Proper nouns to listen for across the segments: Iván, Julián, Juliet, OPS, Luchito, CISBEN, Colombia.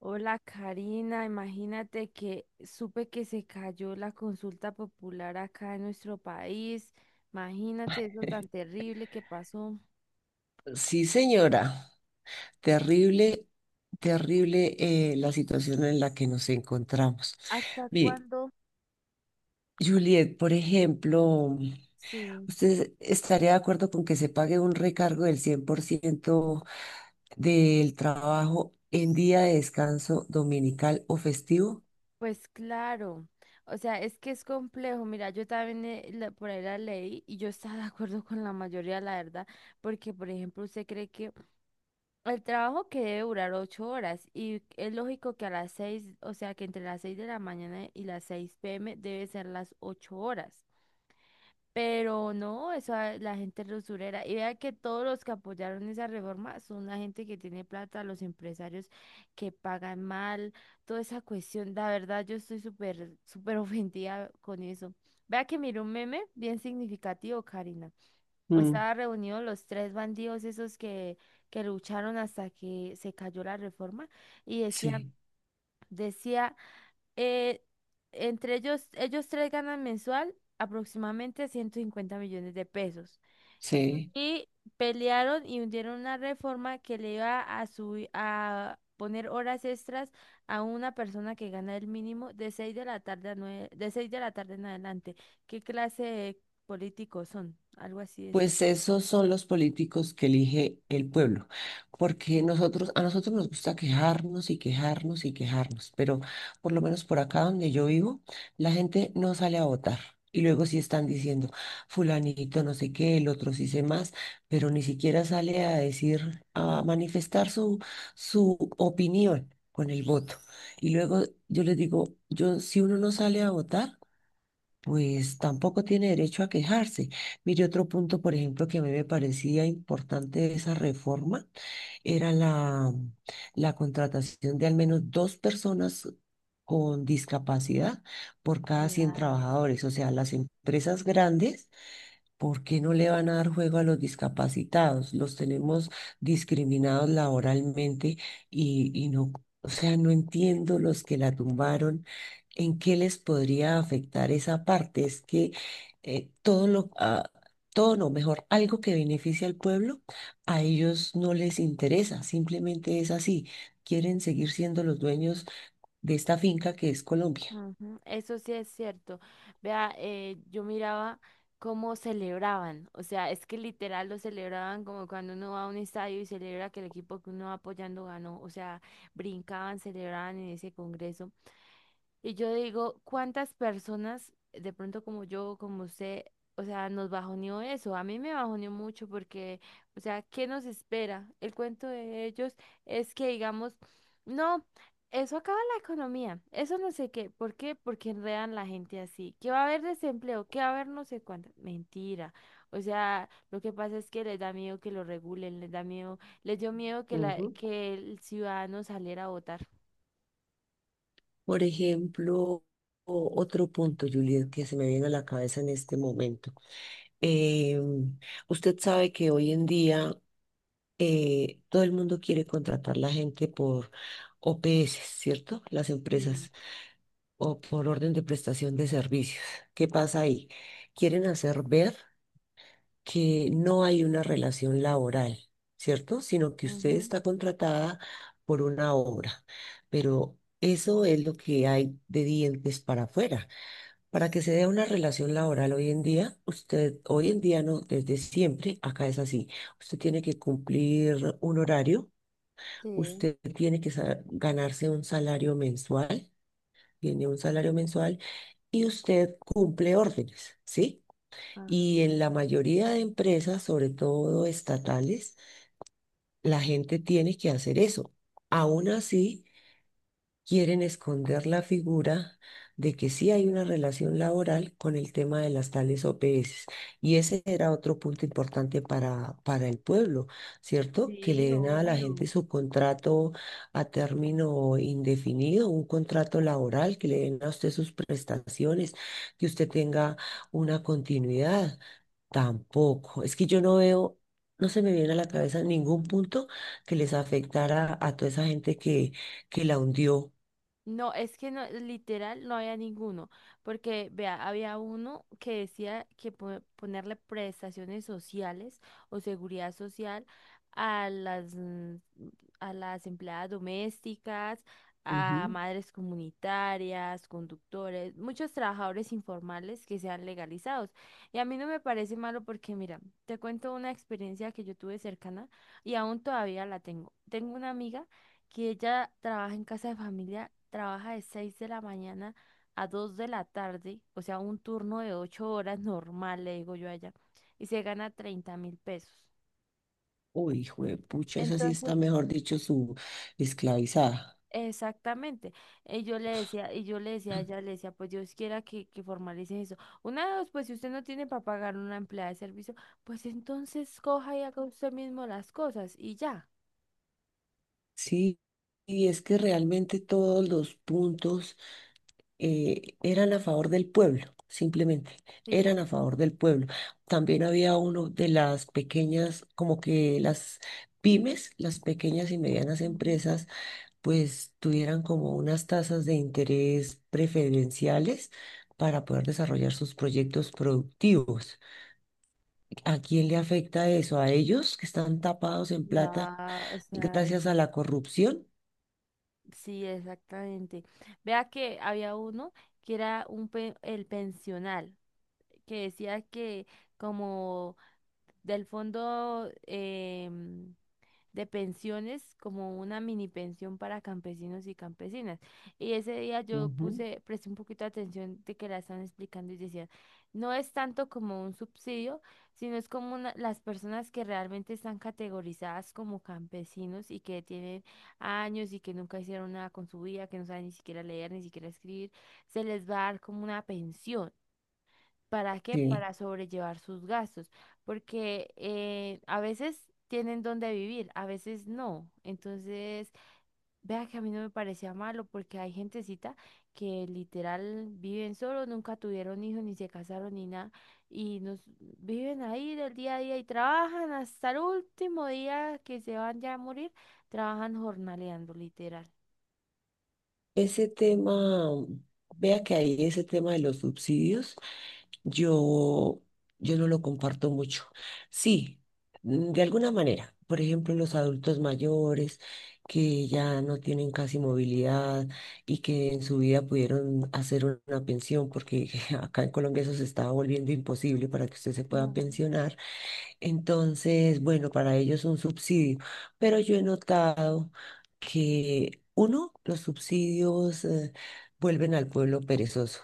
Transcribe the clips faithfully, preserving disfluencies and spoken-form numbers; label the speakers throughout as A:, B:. A: Hola Karina, imagínate que supe que se cayó la consulta popular acá en nuestro país. Imagínate eso tan terrible que pasó.
B: Sí, señora. Terrible, terrible eh, la situación en la que nos encontramos.
A: ¿Hasta
B: Mire,
A: cuándo?
B: Juliet, por ejemplo,
A: Sí,
B: ¿usted estaría de acuerdo con que se pague un recargo del cien por ciento del trabajo en día de descanso dominical o festivo?
A: pues claro. O sea, es que es complejo. Mira, yo también eh, la- por ahí la leí y yo estaba de acuerdo con la mayoría, la verdad, porque por ejemplo, usted cree que el trabajo que debe durar ocho horas y es lógico que a las seis, o sea que entre las seis de la mañana y las seis pm debe ser las ocho horas. Pero no, eso a la gente es usurera. Y vea que todos los que apoyaron esa reforma son la gente que tiene plata, los empresarios que pagan mal, toda esa cuestión. La verdad, yo estoy súper, súper ofendida con eso. Vea que miré un meme bien significativo, Karina.
B: Mm,
A: Estaban reunidos los tres bandidos esos que, que lucharon hasta que se cayó la reforma y decían,
B: sí,
A: decía, eh, entre ellos, ellos tres ganan mensual aproximadamente ciento cincuenta millones de pesos.
B: sí.
A: Y pelearon y hundieron una reforma que le iba a subir, a poner horas extras a una persona que gana el mínimo de seis de la tarde a nueve- de seis de la tarde en adelante. ¿Qué clase de políticos son? Algo así decía.
B: Pues esos son los políticos que elige el pueblo, porque nosotros, a nosotros nos gusta quejarnos y quejarnos y quejarnos, pero por lo menos por acá donde yo vivo, la gente no sale a votar. Y luego sí están diciendo, fulanito no sé qué, el otro sí sé más, pero ni siquiera sale a decir, a manifestar su, su opinión con el voto. Y luego yo les digo, yo, si uno no sale a votar, pues tampoco tiene derecho a quejarse. Mire, otro punto, por ejemplo, que a mí me parecía importante de esa reforma era la, la contratación de al menos dos personas con discapacidad por cada cien
A: Claro.
B: trabajadores. O sea, las empresas grandes, ¿por qué no le van a dar juego a los discapacitados? Los tenemos discriminados laboralmente y, y no, o sea, no entiendo los que la tumbaron. ¿En qué les podría afectar esa parte? Es que eh, todo lo, ah, todo no, mejor, algo que beneficie al pueblo, a ellos no les interesa, simplemente es así. Quieren seguir siendo los dueños de esta finca que es Colombia.
A: Ujú, eso sí es cierto. Vea, eh, yo miraba cómo celebraban. O sea, es que literal lo celebraban como cuando uno va a un estadio y celebra que el equipo que uno va apoyando ganó. O sea, brincaban, celebraban en ese congreso. Y yo digo, ¿cuántas personas de pronto como yo, como usted, o sea, nos bajoneó eso? A mí me bajoneó mucho porque, o sea, ¿qué nos espera? El cuento de ellos es que digamos, no, eso acaba la economía, eso no sé qué, ¿por qué? Porque enredan la gente así, qué va a haber desempleo, qué va a haber no sé cuánto, mentira. O sea, lo que pasa es que les da miedo que lo regulen, les da miedo, les dio miedo que la,
B: Ujú.
A: que el ciudadano saliera a votar.
B: Por ejemplo, o- otro punto, Juliet, que se me viene a la cabeza en este momento. Eh, usted sabe que hoy en día eh, todo el mundo quiere contratar la gente por O P S, ¿cierto? Las
A: Sí,
B: empresas. O por orden de prestación de servicios. ¿Qué pasa ahí? Quieren hacer ver que no hay una relación laboral, ¿cierto? Sino que usted
A: ujú,
B: está contratada por una obra, pero eso es lo que hay de dientes para afuera. Para que se dé una relación laboral hoy en día, usted hoy en día no, desde siempre, acá es así. Usted tiene que cumplir un horario,
A: sí.
B: usted tiene que sa- ganarse un salario mensual, tiene un salario mensual y usted cumple órdenes, ¿sí?
A: Ajá.
B: Y en la mayoría de empresas, sobre todo estatales, la gente tiene que hacer eso. Aún así, quieren esconder la figura de que sí hay una relación laboral con el tema de las tales O P S. Y ese era otro punto importante para, para el pueblo, ¿cierto? Que le
A: Sí,
B: den a la
A: obvio.
B: gente su contrato a término indefinido, un contrato laboral, que le den a usted sus prestaciones, que usted tenga una continuidad. Tampoco. Es que yo no veo... No se me viene a la cabeza ningún punto que les afectara a toda esa gente que, que la hundió.
A: No, es que no, literal no había ninguno, porque vea, había uno que decía que po- ponerle prestaciones sociales o seguridad social a las mm, a las empleadas domésticas, a
B: Ujú.
A: madres comunitarias, conductores, muchos trabajadores informales que sean legalizados. Y a mí no me parece malo porque, mira, te cuento una experiencia que yo tuve cercana y aún todavía la tengo. Tengo una amiga que ella trabaja en casa de familia, trabaja de seis de la mañana a dos de la tarde, o sea, un turno de ocho horas normal, le digo yo a ella, y se gana treinta mil pesos.
B: Uy, juepucha, esa sí está,
A: Entonces,
B: mejor dicho, su esclavizada.
A: exactamente, y yo le decía, y yo le decía a ella, le decía, pues Dios quiera que, que formalicen eso. Una de dos, pues si usted no tiene para pagar una empleada de servicio, pues entonces coja y haga usted mismo las cosas y ya.
B: Sí, y es que realmente todos los puntos eh, eran a favor del pueblo, simplemente,
A: Sí.
B: eran a favor del pueblo. También había uno de las pequeñas, como que las pymes, las pequeñas y medianas
A: Ujú.
B: empresas, pues tuvieran como unas tasas de interés preferenciales para poder desarrollar sus proyectos productivos. ¿A quién le afecta eso? ¿A ellos que están tapados en
A: No,
B: plata
A: o sea.
B: gracias a la corrupción?
A: Sí, exactamente. Vea que había uno que era un pe- el pensional, que decía que como del fondo, em, de pensiones, como una mini pensión para campesinos y campesinas. Y ese día yo
B: Ujú.
A: puse, presté un poquito de atención de que la están explicando y decían, no es tanto como un subsidio, sino es como una- las personas que realmente están categorizadas como campesinos y que tienen años y que nunca hicieron nada con su vida, que no saben ni siquiera leer, ni siquiera escribir, se les va a dar como una pensión. ¿Para qué?
B: Sí.
A: Para sobrellevar sus gastos, porque eh, a veces tienen donde vivir, a veces no. Entonces, vea que a mí no me parecía malo porque hay gentecita que literal viven solo, nunca tuvieron hijos, ni se casaron, ni nada, y nos viven ahí del día a día y trabajan hasta el último día que se van ya a morir, trabajan jornaleando, literal.
B: Ese tema, vea que ahí ese tema de los subsidios. Yo, yo no lo comparto mucho. Sí, mm, de alguna manera. Por ejemplo, los adultos mayores que ya no tienen casi movilidad y que en su vida pudieron hacer una pensión, porque acá en Colombia eso se estaba volviendo imposible para que usted se pueda
A: Ay,
B: pensionar. Entonces, bueno, para ellos un subsidio. Pero yo he notado que, uno, los subsidios, eh, vuelven al pueblo perezoso.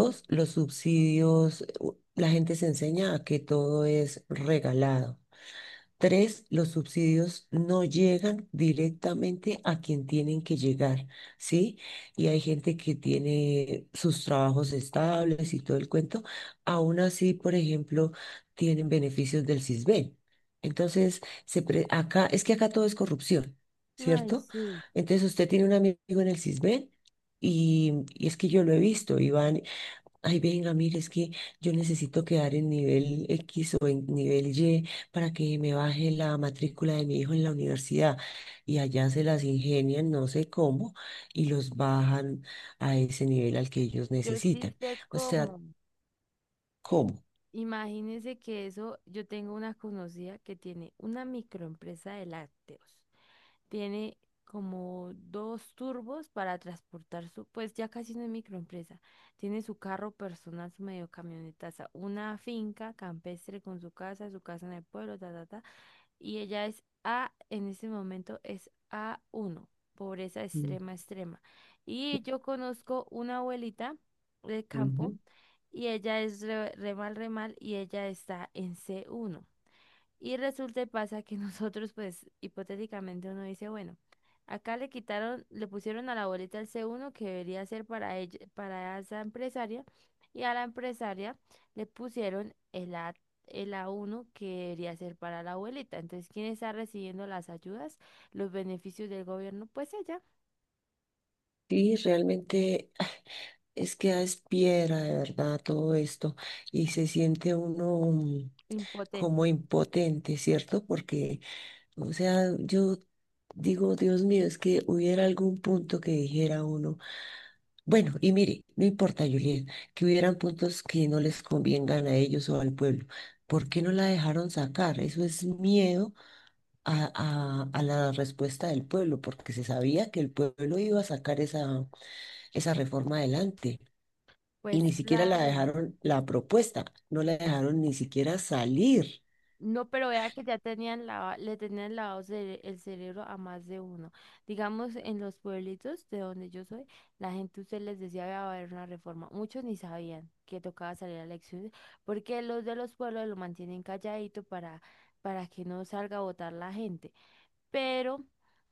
A: sí.
B: los subsidios, u- la gente se enseña a que todo es regalado. Tres, los subsidios no llegan directamente a quien tienen que llegar, ¿sí? Y hay gente que tiene sus trabajos estables y todo el cuento. Aún así, por ejemplo, tienen beneficios del CISBEN. Entonces, se pre- acá, es que acá todo es corrupción,
A: Ay,
B: ¿cierto?
A: sí.
B: Entonces, usted tiene un amigo en el CISBEN. Y, y es que yo lo he visto, Iván. Ay, venga, mire, es que yo necesito quedar en nivel X o en nivel Y para que me baje la matrícula de mi hijo en la universidad. Y allá se las ingenian, no sé cómo, y los bajan a ese nivel al que ellos
A: Yo sí
B: necesitan.
A: sé
B: O sea,
A: cómo.
B: ¿cómo?
A: Imagínense que eso, yo tengo una conocida que tiene una microempresa de lácteos. Tiene como dos turbos para transportar su, pues ya casi no es microempresa. Tiene su carro personal, su medio camionetaza, una finca campestre con su casa, su casa en el pueblo, ta, ta, ta y ella es A, en este momento es a uno, pobreza
B: Mm,
A: extrema, extrema. Y yo conozco una abuelita del campo
B: ujú.
A: y ella es re, re mal, re mal, y ella está en c uno y resulta y pasa que nosotros, pues, hipotéticamente uno dice, bueno, acá le quitaron, le pusieron a la boleta el C uno que debería ser para ella, para esa empresaria, y a la empresaria le pusieron el A, el A uno que debería ser para la abuelita. Entonces, ¿quién está recibiendo las ayudas, los beneficios del gobierno? Pues ella,
B: Sí, realmente ah, es que es piedra de verdad todo esto y se siente uno mm, como
A: impotente.
B: impotente, ¿cierto? Porque, o sea, yo digo, Dios mío, es que hubiera algún punto que dijera uno, bueno, y mire, no importa, Julián, que hubieran puntos que no les convengan a ellos o al pueblo. ¿Por qué no la dejaron sacar? Eso es miedo a, a- a la respuesta del pueblo, porque se sabía que el pueblo iba a sacar esa, esa reforma adelante y
A: Pues
B: ni siquiera la
A: claro.
B: dejaron, la propuesta, no la dejaron ni siquiera salir.
A: No, pero vea que ya tenían lava- le tenían lavado cere- el cerebro a más de uno. Digamos, en los pueblitos de donde yo soy, la gente usted les decía que iba a haber una reforma. Muchos ni sabían que tocaba salir a elecciones, porque los de los pueblos lo mantienen calladito para, para que no salga a votar la gente. Pero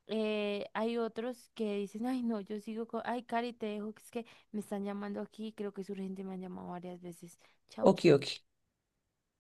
A: eh, hay otros que dicen, ay no, yo sigo con, ay Cari, te dejo, que es que me están llamando aquí, creo que es urgente, me han llamado varias veces. Chao,
B: Ok,
A: chao.
B: ok.